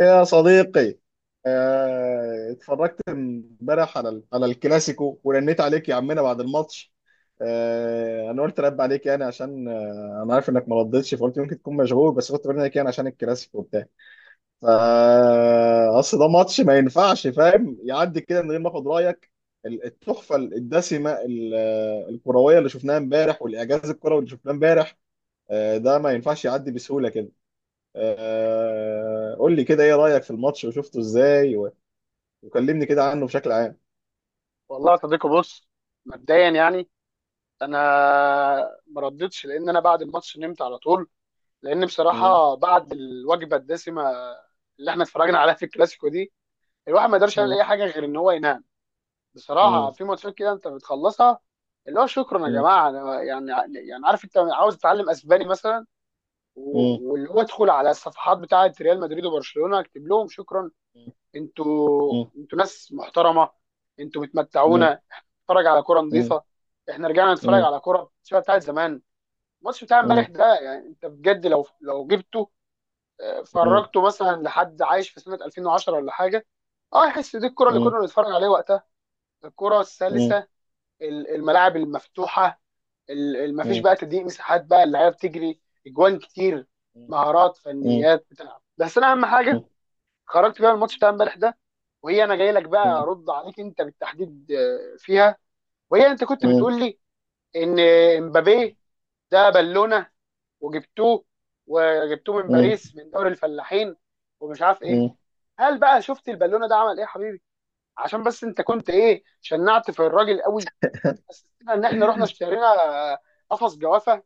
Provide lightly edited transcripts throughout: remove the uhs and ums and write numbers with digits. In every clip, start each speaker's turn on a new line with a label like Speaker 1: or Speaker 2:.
Speaker 1: يا صديقي. اتفرجت امبارح على على الكلاسيكو ورنيت عليك يا عمنا بعد الماتش. انا قلت رد عليك يعني عشان انا عارف انك ما ردتش، فقلت يمكن تكون مشغول، بس كنت برن عليك يعني عشان الكلاسيكو وبتاع. فا اصل ده ماتش ما ينفعش فاهم يعدي كده من غير ما اخد رايك. التحفه الدسمه، الكرويه اللي شفناها امبارح، والاعجاز الكروي اللي شفناه امبارح. ده ما ينفعش يعدي بسهوله كده. قول لي كده، ايه رأيك في الماتش وشفته ازاي، وكلمني كده عنه بشكل عام.
Speaker 2: والله يا صديقي، بص. مبدئيا يعني انا ما ردتش لان انا بعد الماتش نمت على طول. لان
Speaker 1: مم،
Speaker 2: بصراحه بعد الوجبه الدسمه اللي احنا اتفرجنا عليها في الكلاسيكو دي، الواحد ما يقدرش يعمل
Speaker 1: مم،
Speaker 2: اي حاجه غير ان هو ينام. بصراحه،
Speaker 1: مم،
Speaker 2: في ماتشات كده انت بتخلصها اللي هو شكرا يا
Speaker 1: مم،
Speaker 2: جماعه. أنا يعني، يعني عارف انت عاوز تتعلم اسباني مثلا،
Speaker 1: مم،
Speaker 2: واللي هو ادخل على الصفحات بتاعه ريال مدريد وبرشلونه، اكتب لهم شكرا. انتوا
Speaker 1: مم،
Speaker 2: انتوا ناس محترمه، انتوا
Speaker 1: مم،
Speaker 2: بتمتعونا، نتفرج على كرة
Speaker 1: مم،
Speaker 2: نظيفة. احنا رجعنا نتفرج
Speaker 1: مم،
Speaker 2: على كرة شبه بتاعت زمان. الماتش بتاع امبارح
Speaker 1: مم،
Speaker 2: ده، يعني انت بجد لو جبته،
Speaker 1: مم،
Speaker 2: فرجته مثلا لحد عايش في سنة 2010 ولا حاجة، اه يحس دي الكرة اللي
Speaker 1: مم،
Speaker 2: كنا بنتفرج عليها وقتها، الكرة
Speaker 1: مم،
Speaker 2: السلسة، الملاعب المفتوحة، ما فيش
Speaker 1: مم،
Speaker 2: بقى تضييق مساحات، بقى اللعيبة بتجري، اجوان كتير، مهارات،
Speaker 1: مم،
Speaker 2: فنيات بتلعب. بس انا اهم حاجة خرجت بيها من الماتش بتاع امبارح ده، وهي انا جاي لك بقى
Speaker 1: مم،
Speaker 2: ارد عليك انت بالتحديد فيها، وهي انت كنت
Speaker 1: مم،
Speaker 2: بتقول لي ان امبابي ده بالونه، وجبتوه، وجبتوه من
Speaker 1: مم،
Speaker 2: باريس من دوري الفلاحين ومش عارف ايه.
Speaker 1: مم.
Speaker 2: هل بقى شفت البالونه ده عمل ايه يا حبيبي؟ عشان بس انت كنت ايه، شنعت في الراجل قوي. بس استنى، ان احنا رحنا اشترينا آه، قفص جوافه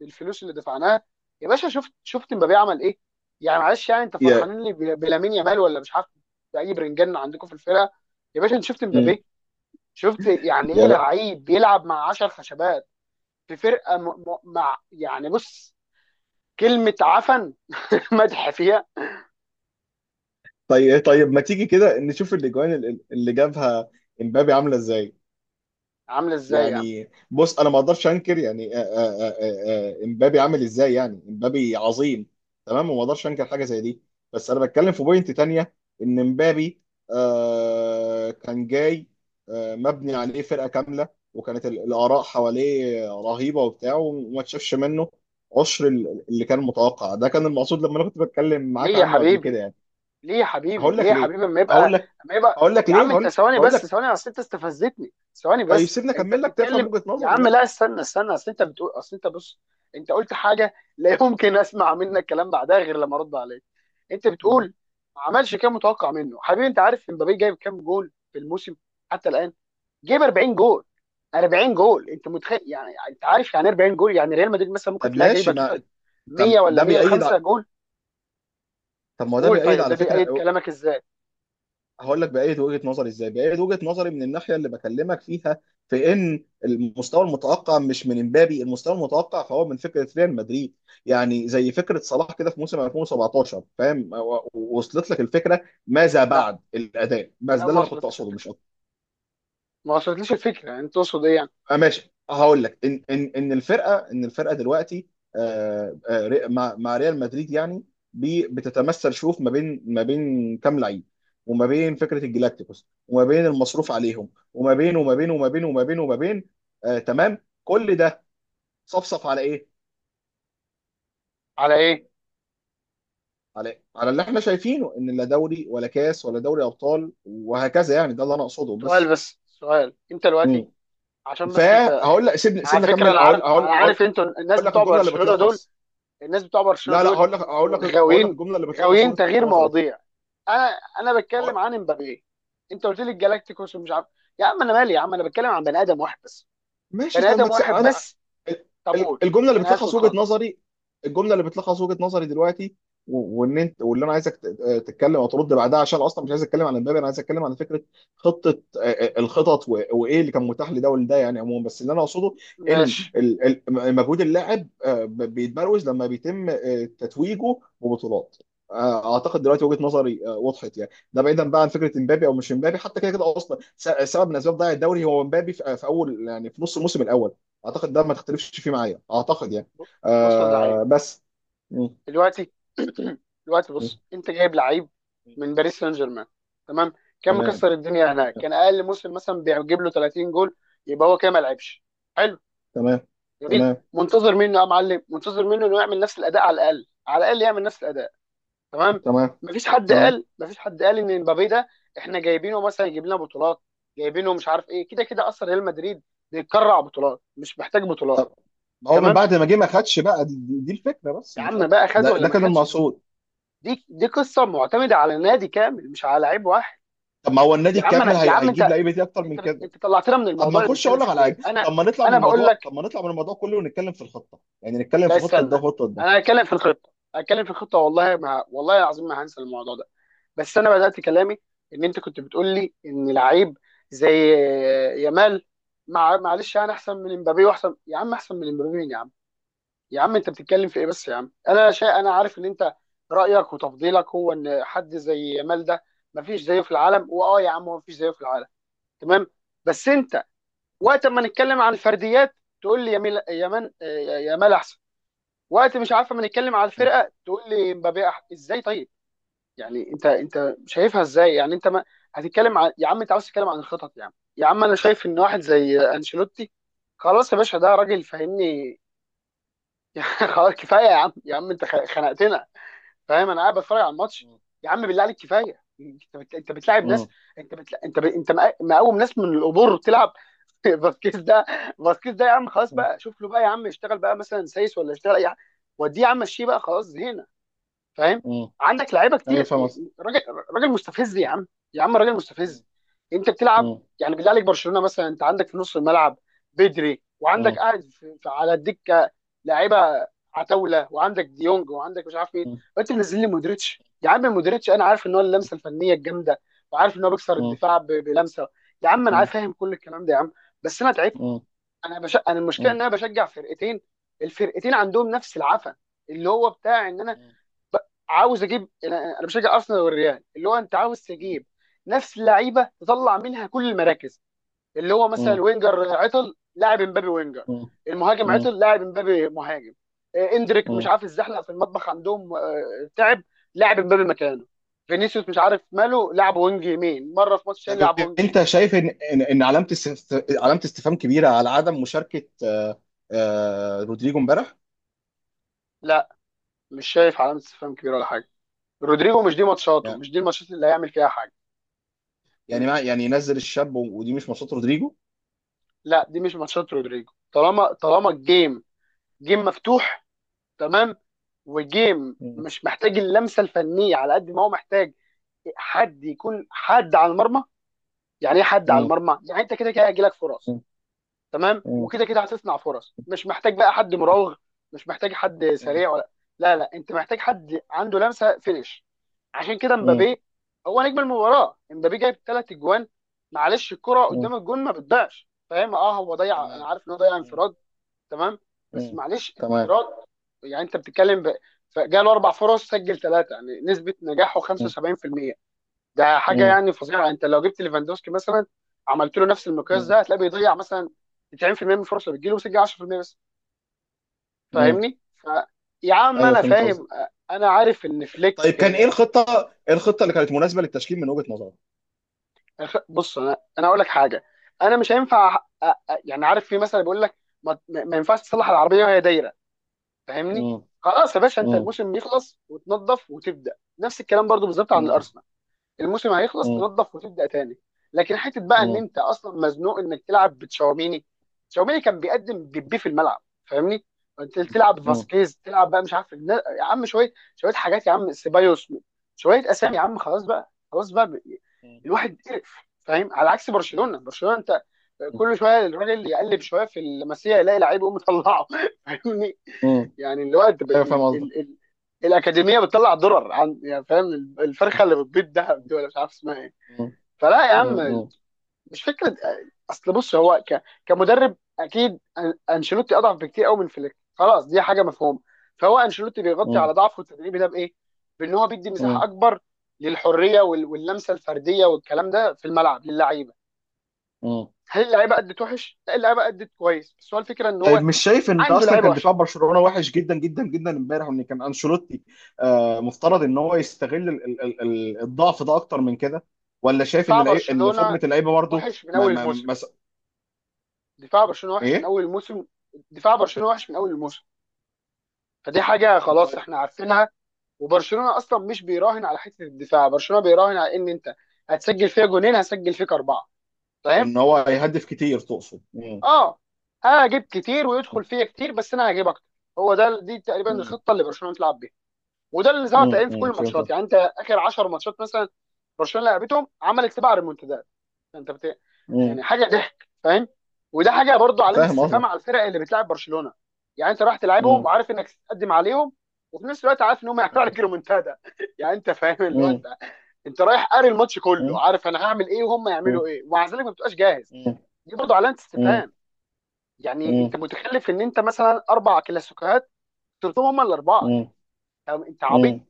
Speaker 2: بالفلوس اللي دفعناها. يا باشا، شفت امبابي عمل ايه؟ يعني معلش، يعني انت
Speaker 1: يا
Speaker 2: فرحانين لي بلامين يامال ولا مش عارف باي برنجان عندكم في الفرقه. يا باشا، انت شفت
Speaker 1: مم.
Speaker 2: امبابي؟ شفت يعني ايه
Speaker 1: يا ب-
Speaker 2: لعيب بيلعب مع 10 خشبات في فرقه، مع يعني بص، كلمه عفن مدح فيها.
Speaker 1: طيب، إيه؟ طيب ما تيجي كده نشوف الاجوان اللي جابها امبابي عاملة ازاي.
Speaker 2: عامله ازاي يعني؟
Speaker 1: يعني بص، انا ما اقدرش انكر يعني امبابي عامل ازاي. يعني امبابي عظيم، تمام، وما اقدرش انكر حاجه زي دي. بس انا بتكلم في بوينت تانية، ان امبابي كان جاي، مبني عليه فرقه كامله، وكانت الاراء حواليه رهيبه وبتاع، وما تشافش منه عشر اللي كان متوقع. ده كان المقصود لما انا كنت بتكلم
Speaker 2: ليه
Speaker 1: معاك
Speaker 2: يا
Speaker 1: عنه قبل كده
Speaker 2: حبيبي،
Speaker 1: يعني.
Speaker 2: ليه يا حبيبي،
Speaker 1: هقول
Speaker 2: ليه
Speaker 1: لك
Speaker 2: يا
Speaker 1: ليه
Speaker 2: حبيبي؟ اما
Speaker 1: هقول
Speaker 2: يبقى،
Speaker 1: لك
Speaker 2: اما يبقى.
Speaker 1: هقول لك
Speaker 2: يا
Speaker 1: ليه
Speaker 2: عم انت،
Speaker 1: هقول
Speaker 2: ثواني
Speaker 1: هقول
Speaker 2: بس،
Speaker 1: لك
Speaker 2: ثواني، اصل انت استفزتني. ثواني
Speaker 1: طيب
Speaker 2: بس،
Speaker 1: سيبني
Speaker 2: انت
Speaker 1: اكمل لك تفهم
Speaker 2: بتتكلم.
Speaker 1: وجهه
Speaker 2: يا
Speaker 1: نظري
Speaker 2: عم
Speaker 1: يا
Speaker 2: لا، استنى، اصل انت بتقول، اصل انت بص، انت قلت حاجه لا يمكن اسمع منك كلام بعدها غير لما ارد عليك. انت
Speaker 1: ابني.
Speaker 2: بتقول ما عملش كام متوقع منه، حبيبي انت عارف امبابي جايب كام جول في الموسم حتى الان؟ جايب 40 جول. 40 جول، انت متخيل؟ يعني انت عارف يعني، 40 جول، يعني ريال مدريد مثلا ممكن
Speaker 1: طب
Speaker 2: تلاقيها
Speaker 1: ماشي
Speaker 2: جايبه توتال
Speaker 1: ما طب
Speaker 2: 100 ولا
Speaker 1: ده بيأيد
Speaker 2: 105
Speaker 1: ع-
Speaker 2: جول.
Speaker 1: طب ما هو ده
Speaker 2: قول،
Speaker 1: بيأيد
Speaker 2: طيب ده
Speaker 1: على فكرة.
Speaker 2: بيأيد كلامك ازاي؟
Speaker 1: هقول لك بأيد وجهة نظري ازاي؟ بأيد وجهة نظري من الناحية اللي بكلمك فيها، في ان المستوى المتوقع مش من امبابي. المستوى المتوقع فهو من فكرة ريال مدريد. يعني زي فكرة صلاح كده في موسم 2017، فاهم؟ وصلت لك الفكرة ماذا
Speaker 2: لا،
Speaker 1: بعد الأداء. بس ده اللي
Speaker 2: ما
Speaker 1: انا كنت
Speaker 2: وصلتليش
Speaker 1: اقصده مش
Speaker 2: الفكره،
Speaker 1: اكتر.
Speaker 2: ما وصلتليش الفكره، يعني انت تقصد ايه يعني؟
Speaker 1: ماشي، هقول لك ان الفرقه دلوقتي مع ريال مدريد يعني. بتتمثل، شوف، ما بين كام لعيب، وما بين فكره الجلاكتيكوس، وما بين المصروف عليهم، وما بين آه تمام. كل ده صفصف على ايه؟
Speaker 2: على ايه؟
Speaker 1: على اللي احنا شايفينه، ان لا دوري ولا كاس ولا دوري ابطال وهكذا. يعني ده اللي انا اقصده
Speaker 2: سؤال
Speaker 1: بس.
Speaker 2: بس، سؤال، انت دلوقتي
Speaker 1: مم.
Speaker 2: عشان بس انت
Speaker 1: فهقول
Speaker 2: خدت،
Speaker 1: لك سيبني
Speaker 2: على
Speaker 1: سيبني
Speaker 2: فكره
Speaker 1: اكمل،
Speaker 2: انا
Speaker 1: اقول
Speaker 2: عارف،
Speaker 1: اقول
Speaker 2: انا
Speaker 1: اقول
Speaker 2: عارف انتوا الناس
Speaker 1: اقول لك
Speaker 2: بتوع
Speaker 1: الجمله اللي
Speaker 2: برشلونه دول،
Speaker 1: بتلخص.
Speaker 2: الناس بتوع برشلونه
Speaker 1: لا، لا،
Speaker 2: دول
Speaker 1: هقول لك
Speaker 2: انتوا غاويين،
Speaker 1: الجمله اللي بتلخص
Speaker 2: غاويين
Speaker 1: وجهه
Speaker 2: تغيير
Speaker 1: نظري، طيب.
Speaker 2: مواضيع. انا،
Speaker 1: هقول...
Speaker 2: بتكلم عن امبابي، انت قلت لي الجالاكتيكوس ومش عارف. يا عم انا مالي، يا عم انا بتكلم عن بني ادم واحد بس،
Speaker 1: ماشي،
Speaker 2: بني
Speaker 1: طيب، ما
Speaker 2: ادم
Speaker 1: تس...
Speaker 2: واحد
Speaker 1: انا
Speaker 2: بس.
Speaker 1: ال-
Speaker 2: طب قول،
Speaker 1: الجمله اللي
Speaker 2: انا هسكت
Speaker 1: بتلخص وجهه
Speaker 2: خالص.
Speaker 1: نظري. الجمله اللي بتلخص وجهه نظري دلوقتي، وان انت، واللي انا عايزك تتكلم او ترد بعدها، عشان اصلا مش عايز اتكلم عن امبابي. انا عايز اتكلم عن فكره خطه، الخطط، وايه اللي كان متاح لده ولده يعني عموما. بس اللي انا اقصده
Speaker 2: ماشي.
Speaker 1: ان مجهود اللاعب بيتبروز لما بيتم تتويجه ببطولات. اعتقد دلوقتي وجهه نظري وضحت يعني. ده بعيدا بقى عن فكره امبابي او مش امبابي. حتى كده كده اصلا سبب من اسباب ضياع الدوري هو امبابي، في اول يعني في نص الموسم الاول. اعتقد ده ما تختلفش فيه معايا، اعتقد يعني.
Speaker 2: ب- بص يا زعيم،
Speaker 1: بس م-
Speaker 2: دلوقتي، دلوقتي
Speaker 1: م-
Speaker 2: بص، انت جايب لعيب من باريس سان جيرمان، تمام؟ كان
Speaker 1: تمام،
Speaker 2: مكسر الدنيا هناك،
Speaker 1: تمام،
Speaker 2: كان اقل موسم مثلا بيجيب له 30 جول. يبقى هو كده ما لعبش، حلو،
Speaker 1: تمام،
Speaker 2: جميل.
Speaker 1: تمام،
Speaker 2: منتظر منه يا معلم، منتظر منه انه يعمل نفس الاداء على الاقل، على الاقل يعمل نفس الاداء، تمام؟
Speaker 1: تمام،
Speaker 2: مفيش حد
Speaker 1: تمام.
Speaker 2: قال، مفيش حد قال ان امبابي ده احنا جايبينه مثلا يجيب لنا بطولات، جايبينه مش عارف ايه، كده كده اصلا ريال مدريد بيتكرع بطولات، مش محتاج بطولات،
Speaker 1: طب هو من
Speaker 2: تمام؟
Speaker 1: بعد ما جه ما خدش بقى دي الفكره، بس
Speaker 2: يا
Speaker 1: مش
Speaker 2: عم
Speaker 1: اكتر.
Speaker 2: بقى، خد
Speaker 1: ده
Speaker 2: ولا
Speaker 1: ده
Speaker 2: ما
Speaker 1: كان
Speaker 2: خدش،
Speaker 1: المقصود.
Speaker 2: دي قصه معتمده على نادي كامل مش على لعيب واحد.
Speaker 1: طب ما هو النادي
Speaker 2: يا عم انا،
Speaker 1: الكامل
Speaker 2: يا عم
Speaker 1: هيجيب
Speaker 2: انت،
Speaker 1: لعيبه دي اكتر من كده.
Speaker 2: انت طلعتنا من
Speaker 1: طب
Speaker 2: الموضوع
Speaker 1: ما
Speaker 2: اللي
Speaker 1: نخش
Speaker 2: بنتكلم
Speaker 1: اقول لك
Speaker 2: فيه
Speaker 1: على
Speaker 2: ليه؟
Speaker 1: حاجه.
Speaker 2: انا، انا بقول لك،
Speaker 1: طب ما نطلع من الموضوع كله، ونتكلم في الخطه يعني. نتكلم
Speaker 2: لا
Speaker 1: في خطه ده
Speaker 2: استنى،
Speaker 1: وخطه
Speaker 2: انا هتكلم في الخطه، هتكلم في الخطه، والله ما، والله العظيم ما هنسى الموضوع ده. بس انا بدات كلامي ان انت كنت بتقول لي ان لعيب زي يامال. مع معلش، انا احسن من امبابي، واحسن يا عم احسن من امبابي مين يا عم؟ يا عم انت بتتكلم في ايه بس يا عم؟ انا شيء، انا عارف ان انت رايك وتفضيلك هو ان حد زي يامال ده مفيش زيه في العالم. واه يا عم، هو مفيش زيه في العالم، تمام؟ بس انت وقت ما نتكلم عن الفرديات تقول لي يامال، يامال، يامال احسن. وقت مش عارف ما نتكلم على الفرقه تقول لي مبابي احسن ازاي؟ طيب يعني انت، شايفها ازاي يعني؟ انت ما هتتكلم عن، يا عم انت عاوز تتكلم عن الخطط، يا عم، يا عم انا شايف ان واحد زي انشيلوتي، خلاص يا باشا، ده راجل فاهمني يعني خلاص كفايه يا عم، يا عم انت خنقتنا، فاهم؟ انا قاعد بتفرج على الماتش.
Speaker 1: ده.
Speaker 2: يا عم بالله عليك كفايه، انت بتلاعب ناس،
Speaker 1: مم.
Speaker 2: انت بتلا... انت ب... انت مقوم ناس من القبور تلعب. فاسكيز ده، فاسكيز ده يا عم خلاص
Speaker 1: مم.
Speaker 2: بقى، شوف له بقى يا عم، اشتغل بقى مثلا سايس ولا اشتغل اي حاجه، وديه يا عم مشيه بقى، خلاص زهقنا، فاهم؟
Speaker 1: مم.
Speaker 2: عندك لعيبه
Speaker 1: ايوه،
Speaker 2: كتير.
Speaker 1: فاهم قصدي.
Speaker 2: راجل، راجل مستفز يا عم، يا عم راجل
Speaker 1: مم.
Speaker 2: مستفز. انت بتلعب،
Speaker 1: مم.
Speaker 2: يعني بالله عليك برشلونه مثلا انت عندك في نص الملعب بدري،
Speaker 1: مم.
Speaker 2: وعندك قاعد في على الدكه لعيبه عتاوله، وعندك ديونج، وعندك مش عارف ايه،
Speaker 1: مم.
Speaker 2: وانت منزل لي مودريتش. يا عم مودريتش انا عارف ان هو اللمسه الفنيه الجامده، وعارف ان هو بيكسر
Speaker 1: مم.
Speaker 2: الدفاع بلمسه، يا عم انا
Speaker 1: مم.
Speaker 2: عارف، فاهم كل الكلام ده يا عم. بس انا تعبت.
Speaker 1: مم.
Speaker 2: انا المشكله
Speaker 1: مم.
Speaker 2: ان انا بشجع فرقتين، الفرقتين عندهم نفس العفن، اللي هو بتاع ان انا
Speaker 1: مم.
Speaker 2: عاوز اجيب، أنا بشجع ارسنال والريال اللي هو انت عاوز تجيب نفس لعيبه تطلع منها كل المراكز، اللي هو مثلا وينجر عطل لاعب، امبابي وينجر
Speaker 1: مم.
Speaker 2: المهاجم
Speaker 1: مم.
Speaker 2: عطل لاعب، امبابي مهاجم، اندريك مش
Speaker 1: مم.
Speaker 2: عارف الزحلقه في المطبخ عندهم تعب لاعب، امبابي مكانه، فينيسيوس مش عارف ماله لعب وينج يمين مره، في ماتش تاني
Speaker 1: طب،
Speaker 2: لعب وينج
Speaker 1: انت
Speaker 2: شمال.
Speaker 1: شايف ان علامه استفهام كبيره على عدم مشاركه رودريجو امبارح؟
Speaker 2: لا، مش شايف علامه استفهام كبيره ولا حاجه، رودريجو مش دي ماتشاته،
Speaker 1: لا.
Speaker 2: مش دي الماتشات اللي هيعمل فيها حاجه.
Speaker 1: يعني ما يعني ينزل الشاب، ودي مش ماتشات رودريجو.
Speaker 2: لا، دي مش ماتشات رودريجو، طالما الجيم جيم مفتوح، تمام؟ وجيم
Speaker 1: مم.
Speaker 2: مش محتاج اللمسه الفنيه على قد ما هو محتاج حد يكون حد على المرمى. يعني ايه حد على
Speaker 1: مم.
Speaker 2: المرمى؟ يعني انت كده كده هيجيلك فرص،
Speaker 1: مم.
Speaker 2: تمام،
Speaker 1: مم.
Speaker 2: وكده كده هتصنع فرص، مش محتاج بقى حد مراوغ، مش محتاج حد
Speaker 1: مم.
Speaker 2: سريع ولا، لا انت محتاج حد عنده لمسه فينش. عشان كده
Speaker 1: مم.
Speaker 2: مبابي هو نجم المباراه، مبابي جايب ثلاث اجوان، معلش الكره
Speaker 1: مم.
Speaker 2: قدام الجون ما بتضيعش، فاهم؟ اه هو ضيع، انا
Speaker 1: تمام.
Speaker 2: عارف ان هو ضيع
Speaker 1: مم.
Speaker 2: انفراد، تمام، بس
Speaker 1: مم.
Speaker 2: معلش
Speaker 1: تمام.
Speaker 2: انفراد. يعني انت بتتكلم ب...، فجاله اربع فرص سجل ثلاثه، يعني نسبه نجاحه
Speaker 1: مم.
Speaker 2: 75%، ده حاجه
Speaker 1: مم.
Speaker 2: يعني فظيعه. انت لو جبت ليفاندوسكي مثلا عملت له نفس المقياس ده، هتلاقيه بيضيع مثلا 90% من الفرص اللي بتجيله وسجل 10% بس،
Speaker 1: مم.
Speaker 2: فاهمني؟ ف يا عم
Speaker 1: ايوه،
Speaker 2: انا
Speaker 1: فهمت.
Speaker 2: فاهم، انا عارف ان فليك،
Speaker 1: طيب، كان ايه الخطه؟ اللي كانت مناسبه للتشكيل من وجهه نظرك؟
Speaker 2: بص انا، اقول لك حاجه، انا مش هينفع يعني عارف في مثلا بيقول لك ما ينفعش تصلح العربيه وهي دايره، فاهمني؟
Speaker 1: مم.
Speaker 2: خلاص يا باشا، انت
Speaker 1: مم.
Speaker 2: الموسم يخلص وتنظف وتبدا، نفس الكلام برضو بالظبط عن
Speaker 1: مم.
Speaker 2: الارسنال، الموسم هيخلص
Speaker 1: مم.
Speaker 2: تنظف وتبدا تاني. لكن حته بقى ان
Speaker 1: مم.
Speaker 2: انت اصلا مزنوق انك تلعب بتشاوميني، تشاوميني كان بيقدم بيبي في الملعب، فاهمني؟ انت تلعب فاسكيز، تلعب بقى مش عارف النا-، يا عم شويه شويه حاجات، يا عم سيبايوس، شويه اسامي يا عم، خلاص بقى، خلاص بقى، ب- الواحد قرف، فاهم؟ على عكس
Speaker 1: مم.
Speaker 2: برشلونه، برشلونه انت كل شويه الراجل يقلب شويه في المسيح يلاقي لعيب يقوم مطلعه فاهمني؟
Speaker 1: مم.
Speaker 2: يعني الوقت،
Speaker 1: ايوه، فاهم قصدك.
Speaker 2: الاكاديميه بتطلع درر، عن يعني فاهم
Speaker 1: مم.
Speaker 2: الفرخه اللي بتبيض دهب دي ولا مش عارف اسمها ايه،
Speaker 1: مم.
Speaker 2: فلا يا عم
Speaker 1: مم.
Speaker 2: مش فكره. اصل بص هو كمدرب اكيد انشيلوتي اضعف بكتير قوي من فليك، خلاص دي حاجه مفهومه. فهو انشيلوتي بيغطي
Speaker 1: مم.
Speaker 2: على ضعفه التدريبي ده بايه؟ بان هو بيدي مساحه
Speaker 1: مم.
Speaker 2: اكبر للحريه واللمسه الفرديه والكلام ده في الملعب للعيبه.
Speaker 1: مم.
Speaker 2: هل اللعيبه ادت وحش؟ لا، اللعيبه ادت كويس، بس هو الفكره ان
Speaker 1: طيب،
Speaker 2: هو
Speaker 1: مش شايف ان
Speaker 2: عنده
Speaker 1: اصلا
Speaker 2: لعيبه
Speaker 1: كان
Speaker 2: وحشه.
Speaker 1: دفاع برشلونه وحش جدا جدا جدا امبارح؟ وان كان انشيلوتي مفترض ان هو يستغل الضعف ده اكتر من كده؟ ولا شايف ان
Speaker 2: دفاع
Speaker 1: العيب ان
Speaker 2: برشلونه
Speaker 1: فورمه اللعيبه برضه؟
Speaker 2: وحش من
Speaker 1: ما
Speaker 2: اول
Speaker 1: ما ما
Speaker 2: الموسم،
Speaker 1: ما-
Speaker 2: دفاع برشلونه وحش من
Speaker 1: ايه.
Speaker 2: اول الموسم، دفاع برشلونه وحش من اول الموسم، فدي حاجه خلاص
Speaker 1: طيب،
Speaker 2: احنا عارفينها. وبرشلونه اصلا مش بيراهن على حته الدفاع، برشلونه بيراهن على ان انت هتسجل فيها جونين هسجل فيك اربعه، فاهم؟
Speaker 1: ان هو هيهدف كتير تقصد؟ مم.
Speaker 2: اه هجيب كتير ويدخل فيا كتير، بس انا هجيب اكتر، هو ده دي تقريبا
Speaker 1: مم.
Speaker 2: الخطه اللي برشلونه بتلعب بيها. وده اللي ظهر
Speaker 1: مم.
Speaker 2: تقريبا في كل
Speaker 1: مم. فهمت.
Speaker 2: الماتشات، يعني انت اخر 10 ماتشات مثلا برشلونه لعبتهم عملت سبع ريمونتادات، انت بت...،
Speaker 1: مم.
Speaker 2: يعني حاجه ضحك، فاهم؟ وده حاجه برضو علامه
Speaker 1: فاهم
Speaker 2: استفهام
Speaker 1: قصدك.
Speaker 2: على الفرق اللي بتلعب برشلونه. يعني انت رايح تلعبهم
Speaker 1: مم.
Speaker 2: وعارف انك تقدم عليهم، وفي نفس الوقت عارف ان هم هيعملوا
Speaker 1: مم.
Speaker 2: عليك ريمونتادا يعني انت فاهم اللي هو
Speaker 1: مم.
Speaker 2: انت، انت رايح قاري الماتش
Speaker 1: مم.
Speaker 2: كله عارف انا هعمل ايه وهم
Speaker 1: مم.
Speaker 2: يعملوا ايه، ومع ذلك ما بتبقاش جاهز،
Speaker 1: مم.
Speaker 2: دي برضو علامه
Speaker 1: مم.
Speaker 2: استفهام. يعني انت
Speaker 1: مم.
Speaker 2: متخلف ان انت مثلا اربع كلاسيكوهات خسرتهم هم الاربعه،
Speaker 1: مم.
Speaker 2: يعني انت عبيط،
Speaker 1: مم.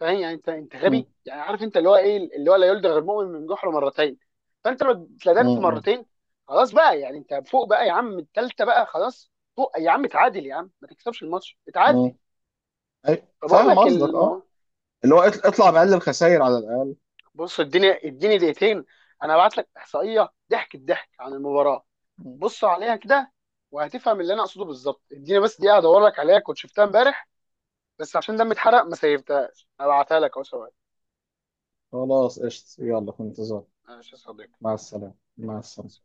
Speaker 2: فاهم؟ يعني انت،
Speaker 1: مم.
Speaker 2: غبي، يعني عارف انت اللي هو ايه، اللي هو لا يلدغ المؤمن من جحر مرتين. فانت لو اتلدغت
Speaker 1: مم.
Speaker 2: مرتين، خلاص بقى، يعني انت فوق بقى يا عم، التالتة بقى خلاص، فوق يا عم، اتعادل يا عم، ما تكسبش الماتش، اتعادل.
Speaker 1: مم. أي-
Speaker 2: فبقول
Speaker 1: فاهم
Speaker 2: لك
Speaker 1: قصدك، اه.
Speaker 2: المو...،
Speaker 1: اللي هو اطلع بأقل الخسائر على الأقل.
Speaker 2: بص اديني، اديني دقيقتين، انا هبعت لك احصائية ضحك الضحك عن المباراة، بص عليها كده وهتفهم اللي انا اقصده بالظبط. اديني بس دقيقة ادور لك عليها، كنت شفتها امبارح، بس عشان دمي اتحرق ما سيبتهاش، هبعتها لك اهو، ثواني.
Speaker 1: خلاص، قشط، يلا، في انتظار.
Speaker 2: ماشي يا صديقي.
Speaker 1: مع السلامة، مع السلامة.